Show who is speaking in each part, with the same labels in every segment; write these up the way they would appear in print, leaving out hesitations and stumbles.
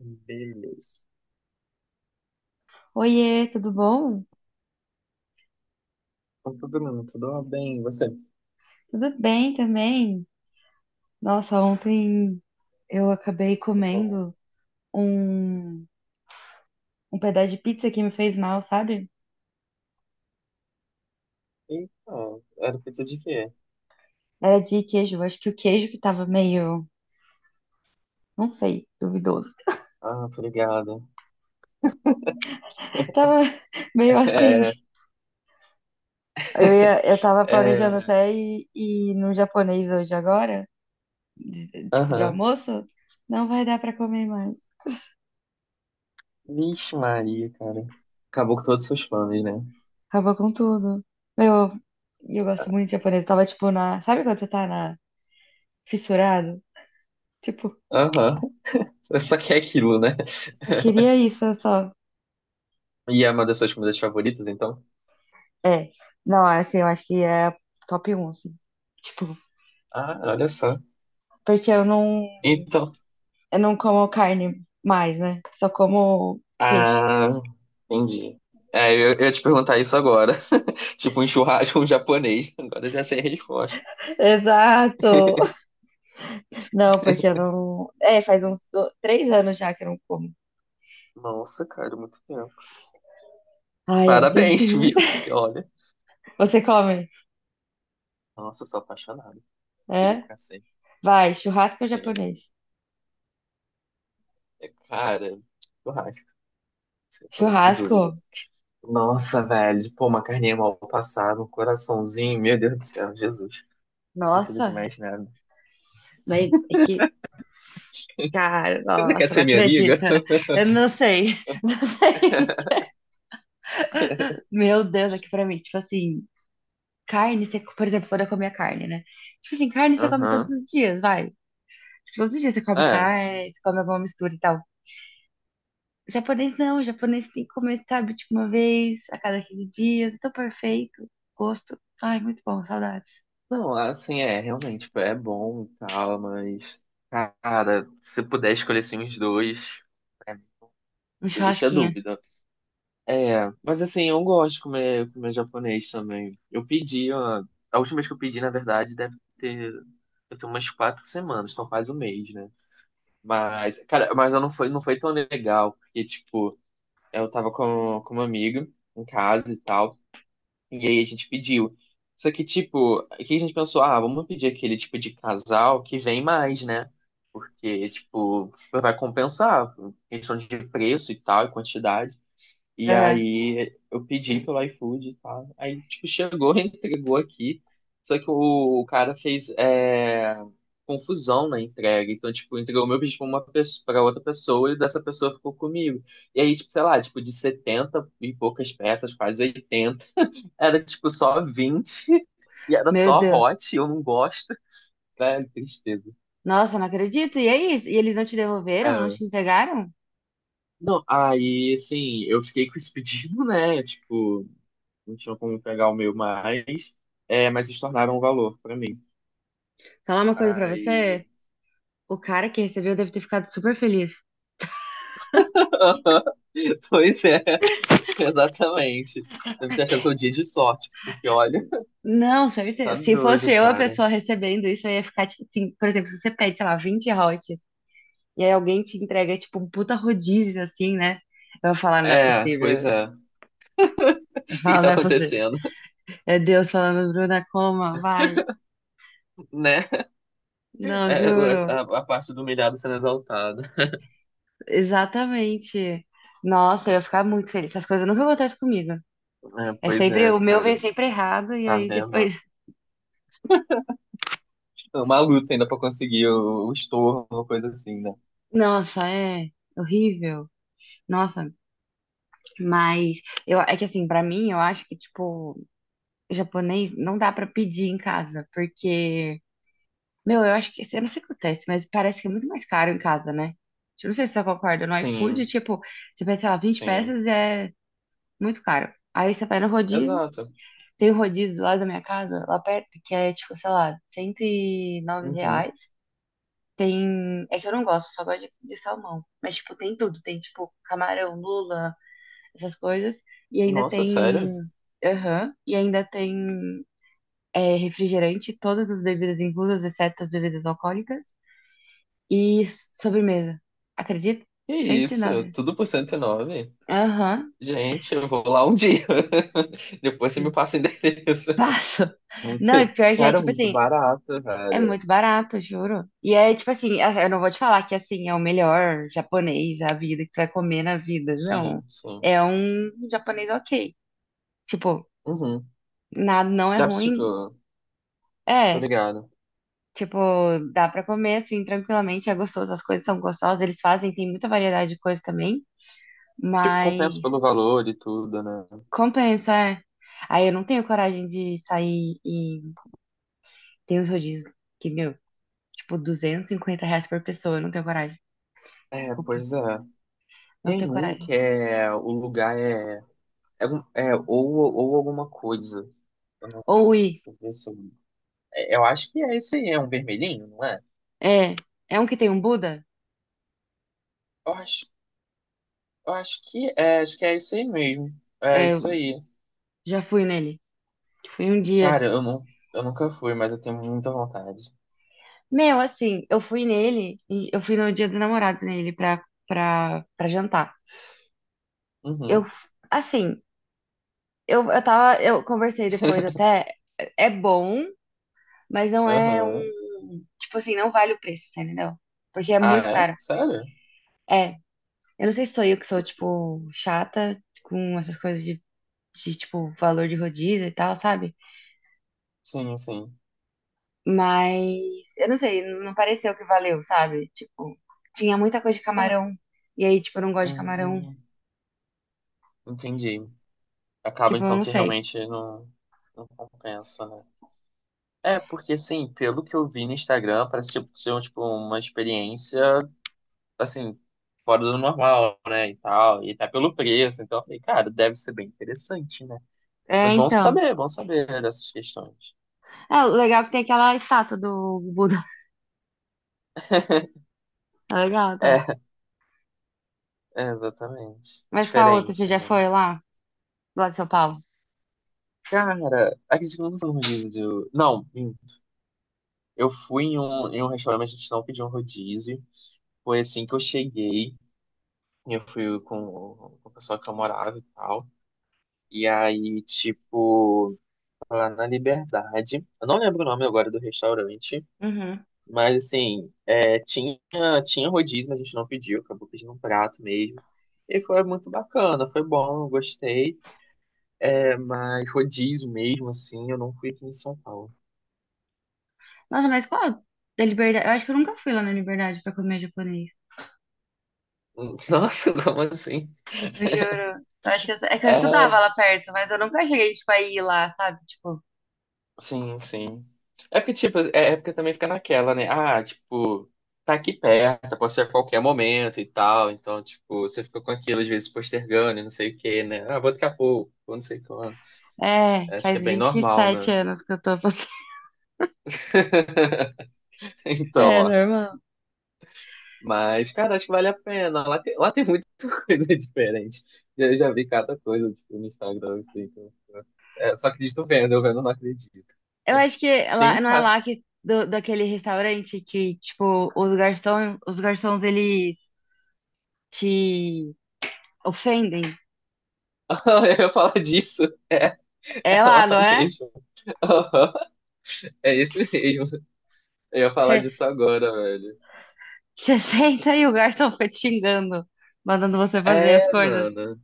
Speaker 1: Beleza.
Speaker 2: Oiê, tudo bom?
Speaker 1: Então, tudo bem, e você? Tá
Speaker 2: Tudo bem também? Nossa, ontem eu acabei
Speaker 1: bom,
Speaker 2: comendo um, um pedaço de pizza que me fez mal, sabe?
Speaker 1: eita, era pizza de quê?
Speaker 2: Era de queijo, eu acho que o queijo que tava meio, não sei, duvidoso.
Speaker 1: Ah, tô ligado.
Speaker 2: Tava meio assim.
Speaker 1: É,
Speaker 2: Eu ia, eu tava
Speaker 1: é,
Speaker 2: planejando até ir no japonês hoje agora, tipo de
Speaker 1: aham.
Speaker 2: almoço, não vai dar pra comer mais.
Speaker 1: Vixe Maria, cara. Acabou com todos os seus planos, né?
Speaker 2: Acabou com tudo. Meu, e eu gosto muito de japonês. Eu tava tipo na, sabe quando você tá na fissurado? Tipo,
Speaker 1: Aham. É. Só que é aquilo, né?
Speaker 2: eu queria isso, eu só.
Speaker 1: E é uma das suas comidas favoritas, então?
Speaker 2: É. Não, assim, eu acho que é a top um assim. Tipo,
Speaker 1: Ah, olha só.
Speaker 2: porque eu não,
Speaker 1: Então.
Speaker 2: eu não como carne mais, né? Só como peixe.
Speaker 1: Ah, entendi. É, eu ia te perguntar isso agora. Tipo um churrasco, um japonês. Agora eu já sei a resposta.
Speaker 2: Exato! Não, porque eu não. É, faz uns 3 anos já que eu não como.
Speaker 1: Nossa, cara, muito tempo.
Speaker 2: Ai, é um
Speaker 1: Parabéns,
Speaker 2: tempinho.
Speaker 1: viu? Porque olha,
Speaker 2: Você come?
Speaker 1: nossa, eu sou apaixonado. Consigo
Speaker 2: É?
Speaker 1: ficar sem.
Speaker 2: Vai, churrasco ou
Speaker 1: Sem...
Speaker 2: japonês?
Speaker 1: é, cara, churrasco, sem sombra de dúvida.
Speaker 2: Churrasco?
Speaker 1: Nossa, velho, pô, uma carninha mal passada, um coraçãozinho, meu Deus do céu, Jesus. Precisa de
Speaker 2: Nossa!
Speaker 1: mais nada.
Speaker 2: Mas é que. Cara,
Speaker 1: Você ainda quer
Speaker 2: nossa, não
Speaker 1: ser minha amiga?
Speaker 2: acredita. Eu não sei. Meu Deus, aqui pra mim, tipo assim. Carne, você, por exemplo, quando eu comia carne, né? Tipo assim, carne você come todos
Speaker 1: Aham.
Speaker 2: os dias, vai. Tipo, todos os dias você come
Speaker 1: É.
Speaker 2: carne, você come alguma mistura e tal. Japonês não, japonês tem que comer, sabe, tipo uma vez a cada 15 dias. Tô perfeito. Gosto. Ai, muito bom, saudades.
Speaker 1: Não, assim, é, realmente, tipo, é bom e tal, mas, cara, se puder escolher assim os dois, é,
Speaker 2: Um
Speaker 1: deixa a
Speaker 2: churrasquinho.
Speaker 1: dúvida. É, mas assim, eu gosto de comer japonês também. Eu pedi, ó, a última vez que eu pedi, na verdade, deve ter umas 4 semanas, então quase um mês, né? Mas, cara, mas eu não foi, não foi tão legal, porque, tipo, eu tava com uma amiga em casa e tal, e aí a gente pediu. Só que, tipo, aqui a gente pensou, ah, vamos pedir aquele tipo de casal que vem mais, né? Porque, tipo, vai compensar, questão de preço e tal, e quantidade. E
Speaker 2: Aham.
Speaker 1: aí eu pedi pelo iFood e tal. Aí, tipo, chegou, entregou aqui. Só que o cara fez confusão na entrega. Então, tipo, entregou o meu pedido pra uma pessoa, pra outra pessoa e dessa pessoa ficou comigo. E aí, tipo, sei lá, tipo, de 70 e poucas peças, quase 80, era tipo só 20. E era
Speaker 2: Meu
Speaker 1: só
Speaker 2: Deus.
Speaker 1: hot, eu não gosto. Velho, tristeza.
Speaker 2: Nossa, não acredito. E aí? E eles não te devolveram? Não
Speaker 1: É.
Speaker 2: te entregaram?
Speaker 1: Não, aí, assim, eu fiquei com esse pedido, né? Tipo, não tinham como pegar o meu mais, é, mas se tornaram um valor pra mim.
Speaker 2: Falar uma coisa pra
Speaker 1: Aí,
Speaker 2: você? O cara que recebeu deve ter ficado super feliz.
Speaker 1: pois é, exatamente. Deve ter achado que é um dia de sorte, porque olha,
Speaker 2: Não, certeza.
Speaker 1: tá
Speaker 2: Se fosse
Speaker 1: doido,
Speaker 2: eu a
Speaker 1: cara.
Speaker 2: pessoa recebendo isso, eu ia ficar, tipo, assim, por exemplo, se você pede, sei lá, 20 hotes, e aí alguém te entrega, tipo, um puta rodízio, assim, né? Eu ia falar, não é
Speaker 1: É,
Speaker 2: possível.
Speaker 1: pois
Speaker 2: Eu
Speaker 1: é. O
Speaker 2: ia
Speaker 1: que que
Speaker 2: falar,
Speaker 1: tá
Speaker 2: não é possível.
Speaker 1: acontecendo,
Speaker 2: É Deus falando, Bruna, coma, vai.
Speaker 1: né?
Speaker 2: Não,
Speaker 1: É, o-
Speaker 2: juro.
Speaker 1: a, a parte do humilhado sendo exaltada.
Speaker 2: Exatamente. Nossa, eu ia ficar muito feliz. Essas coisas nunca acontecem comigo.
Speaker 1: É,
Speaker 2: É
Speaker 1: pois
Speaker 2: sempre,
Speaker 1: é,
Speaker 2: o meu vem
Speaker 1: cara.
Speaker 2: sempre errado, e
Speaker 1: Tá
Speaker 2: aí
Speaker 1: vendo?
Speaker 2: depois.
Speaker 1: É uma luta ainda pra conseguir o estorno, uma coisa assim, né?
Speaker 2: Nossa, é horrível. Nossa, mas eu, é que assim, pra mim, eu acho que, tipo, japonês não dá pra pedir em casa, porque, meu, eu acho que, eu não sei o que acontece, mas parece que é muito mais caro em casa, né? Eu não sei se você concorda, no iFood,
Speaker 1: Sim,
Speaker 2: tipo, você pede, sei lá, vinte
Speaker 1: sim,
Speaker 2: peças é muito caro. Aí você vai no rodízio,
Speaker 1: exato.
Speaker 2: tem um rodízio lá da minha casa, lá perto, que é, tipo, sei lá, 109
Speaker 1: Uhum.
Speaker 2: reais. Tem, é que eu não gosto, só gosto de salmão. Mas, tipo, tem tudo, tem, tipo, camarão, lula, essas coisas. E ainda
Speaker 1: Nossa,
Speaker 2: tem,
Speaker 1: sério?
Speaker 2: aham, e ainda tem refrigerante, todas as bebidas inclusas, exceto as bebidas alcoólicas, e sobremesa. Acredita?
Speaker 1: Que
Speaker 2: Cento e
Speaker 1: isso?
Speaker 2: nove.
Speaker 1: Tudo por 109?
Speaker 2: Aham,
Speaker 1: Gente, eu vou lá um dia. Depois você me passa o endereço.
Speaker 2: passa.
Speaker 1: Muito...
Speaker 2: Não, e pior que é
Speaker 1: cara,
Speaker 2: tipo
Speaker 1: muito
Speaker 2: assim,
Speaker 1: barato,
Speaker 2: é
Speaker 1: velho.
Speaker 2: muito barato, juro. E é tipo assim, eu não vou te falar que assim é o melhor japonês, a vida que tu vai comer na vida. Não.
Speaker 1: Sim, sim.
Speaker 2: É um japonês ok. Tipo,
Speaker 1: Uhum.
Speaker 2: nada não é
Speaker 1: Dá pra,
Speaker 2: ruim.
Speaker 1: tipo, tô
Speaker 2: É,
Speaker 1: ligado.
Speaker 2: tipo, dá pra comer assim tranquilamente, é gostoso, as coisas são gostosas, eles fazem, tem muita variedade de coisas também.
Speaker 1: Tipo,
Speaker 2: Mas
Speaker 1: compensa pelo valor e tudo, né?
Speaker 2: compensa, é. Aí eu não tenho coragem de sair e tem os rodízios que, meu, tipo, R$ 250 por pessoa. Eu não tenho coragem.
Speaker 1: É,
Speaker 2: Desculpa,
Speaker 1: pois é.
Speaker 2: não tenho
Speaker 1: Tem um
Speaker 2: coragem.
Speaker 1: que é. O lugar é. É, um- é ou alguma coisa. Eu não-
Speaker 2: Ou
Speaker 1: deixa
Speaker 2: ir.
Speaker 1: eu ver se eu. É, eu acho que é esse aí, é um vermelhinho, não é?
Speaker 2: É, é, um que tem um Buda?
Speaker 1: Eu acho, eu acho que é, acho que é isso aí mesmo. É
Speaker 2: É,
Speaker 1: isso
Speaker 2: eu
Speaker 1: aí.
Speaker 2: já fui nele. Fui um dia.
Speaker 1: Cara, eu, não, eu nunca fui, mas eu tenho muita vontade.
Speaker 2: Meu, assim, eu fui nele e eu fui no dia dos namorados nele pra jantar. Eu,
Speaker 1: Uhum.
Speaker 2: assim, eu conversei depois até. É bom, mas não é
Speaker 1: Aham.
Speaker 2: um. Tipo assim, não vale o preço, você entendeu? Porque é
Speaker 1: Ah,
Speaker 2: muito
Speaker 1: é?
Speaker 2: caro.
Speaker 1: Sério?
Speaker 2: É. Eu não sei se sou eu que sou, tipo, chata com essas coisas de, tipo, valor de rodízio e tal, sabe?
Speaker 1: Sim, sim.
Speaker 2: Mas eu não sei, não pareceu que valeu, sabe? Tipo, tinha muita coisa de camarão. E aí, tipo, eu não gosto de camarão.
Speaker 1: Hum, entendi. Acaba
Speaker 2: Tipo, eu
Speaker 1: então
Speaker 2: não
Speaker 1: que
Speaker 2: sei.
Speaker 1: realmente não, não compensa, né? É, porque assim, pelo que eu vi no Instagram, parece tipo, ser tipo, uma experiência, assim, fora do normal, né? E tal, e tá pelo preço. Então eu falei, cara, deve ser bem interessante, né?
Speaker 2: É,
Speaker 1: Mas
Speaker 2: então.
Speaker 1: vamos saber dessas questões.
Speaker 2: É, o legal é que tem aquela estátua do Buda. É legal, tá?
Speaker 1: É, é, exatamente.
Speaker 2: Mas qual outra? Você
Speaker 1: Diferente,
Speaker 2: já
Speaker 1: né?
Speaker 2: foi lá? Lá de São Paulo?
Speaker 1: Cara, acredito que eu nunca fui no rodízio do. Não, eu fui em um restaurante, a gente não pediu um rodízio. Foi assim que eu cheguei. Eu fui com, com o pessoal que eu morava e tal. E aí, tipo, lá na Liberdade. Eu não lembro o nome agora do restaurante.
Speaker 2: Uhum.
Speaker 1: Mas assim, é, tinha rodízio, mas a gente não pediu. Acabou pedindo um prato mesmo. E foi muito bacana, foi bom, eu gostei. É, mas rodízio mesmo, assim, eu não fui aqui em São Paulo.
Speaker 2: Nossa, mas qual da Liberdade? Eu acho que eu nunca fui lá na Liberdade pra comer japonês.
Speaker 1: Nossa, como assim?
Speaker 2: Eu juro. Eu acho que é que eu
Speaker 1: É,
Speaker 2: estudava lá perto, mas eu nunca cheguei, tipo, a ir lá, sabe? Tipo,
Speaker 1: sim, sim. É porque, tipo, é, é porque também fica naquela, né? Ah, tipo, tá aqui perto, pode ser a qualquer momento e tal. Então, tipo, você fica com aquilo, às vezes, postergando e não sei o quê, né? Ah, vou daqui a pouco, vou não sei quando.
Speaker 2: é,
Speaker 1: Acho que
Speaker 2: faz
Speaker 1: é bem
Speaker 2: vinte e
Speaker 1: normal,
Speaker 2: sete
Speaker 1: né?
Speaker 2: anos que eu tô passando.
Speaker 1: Então,
Speaker 2: É,
Speaker 1: ó.
Speaker 2: normal.
Speaker 1: Mas, cara, acho que vale a pena. Lá tem muita coisa diferente. Eu já vi cada coisa, tipo, no Instagram, assim, é, só acredito vendo, eu vendo não acredito.
Speaker 2: Eu acho que
Speaker 1: Tem um
Speaker 2: lá, não é
Speaker 1: cara.
Speaker 2: lá que, daquele restaurante que, tipo, os garçons, eles te ofendem.
Speaker 1: Eu ia falar disso. É,
Speaker 2: É
Speaker 1: é
Speaker 2: lá,
Speaker 1: lá
Speaker 2: não é?
Speaker 1: mesmo. Aham, é isso mesmo. Eu ia falar
Speaker 2: Você
Speaker 1: disso agora, velho.
Speaker 2: você senta e o garçom fica te xingando, mandando você fazer as
Speaker 1: É,
Speaker 2: coisas.
Speaker 1: mano.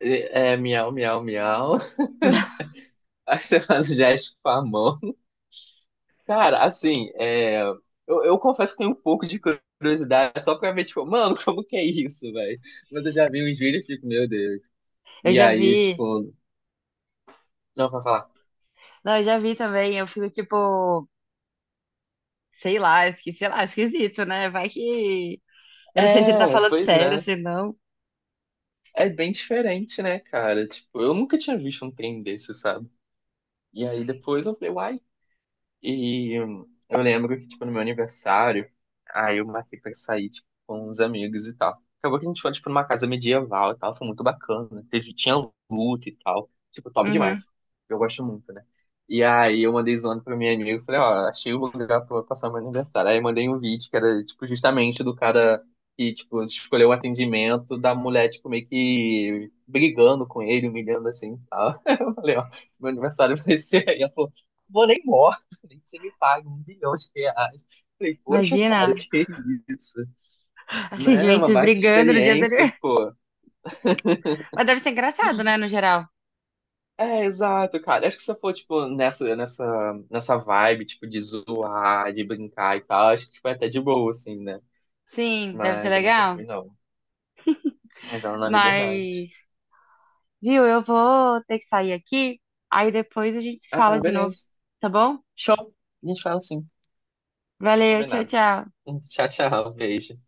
Speaker 1: É, é, miau, miau, miau. Aí você faz o gesto com a mão. Cara, assim, é, eu confesso que tenho um pouco de curiosidade, só pra ver, tipo, mano, como que é isso, velho? Mas eu já vi uns vídeos e fico, meu Deus.
Speaker 2: Eu
Speaker 1: E
Speaker 2: já
Speaker 1: aí,
Speaker 2: vi
Speaker 1: tipo, não, vai falar,
Speaker 2: Não, eu já vi também, eu fico tipo, sei lá, sei lá, esquisito, né? Vai que. Eu não sei se ele tá
Speaker 1: é,
Speaker 2: falando
Speaker 1: pois
Speaker 2: sério,
Speaker 1: é.
Speaker 2: se não.
Speaker 1: É bem diferente, né, cara? Tipo, eu nunca tinha visto um trem desse, sabe? E aí depois eu falei, uai, e eu lembro que, tipo, no meu aniversário, aí eu marquei pra sair, tipo, com uns amigos e tal. Acabou que a gente foi, tipo, numa casa medieval e tal, foi muito bacana. Teve, tinha luta e tal, tipo, top
Speaker 2: Uhum.
Speaker 1: demais. Eu gosto muito, né? E aí eu mandei zoando pra minha amiga, falei, ó, achei o lugar pra passar meu aniversário. Aí eu mandei um vídeo que era, tipo, justamente do cara que, tipo, escolheu o atendimento da mulher, tipo, meio que brigando com ele, humilhando assim e tal. Eu falei, ó, meu aniversário vai ser aí. Ela falou, vou nem embora, falei, você me paga 1 bilhão de reais. Falei, poxa, cara,
Speaker 2: Imagina,
Speaker 1: que isso? Né? Uma
Speaker 2: atendimentos
Speaker 1: baita
Speaker 2: brigando no dia do
Speaker 1: experiência,
Speaker 2: aniversário.
Speaker 1: pô.
Speaker 2: Mas deve ser engraçado, né, no geral.
Speaker 1: É, exato, cara. Acho que se eu for, tipo, nessa vibe, tipo, de zoar, de brincar e tal, acho que foi até de boa, assim, né?
Speaker 2: Sim, deve ser
Speaker 1: Mas eu nunca
Speaker 2: legal.
Speaker 1: fui, não. Mas ela na liberdade.
Speaker 2: Mas, viu, eu vou ter que sair aqui, aí depois a gente se fala
Speaker 1: Ah,
Speaker 2: de novo,
Speaker 1: beleza.
Speaker 2: tá bom?
Speaker 1: Show. A gente fala assim, tá
Speaker 2: Valeu, tchau,
Speaker 1: combinado.
Speaker 2: tchau.
Speaker 1: Tchau, tchau. Beijo.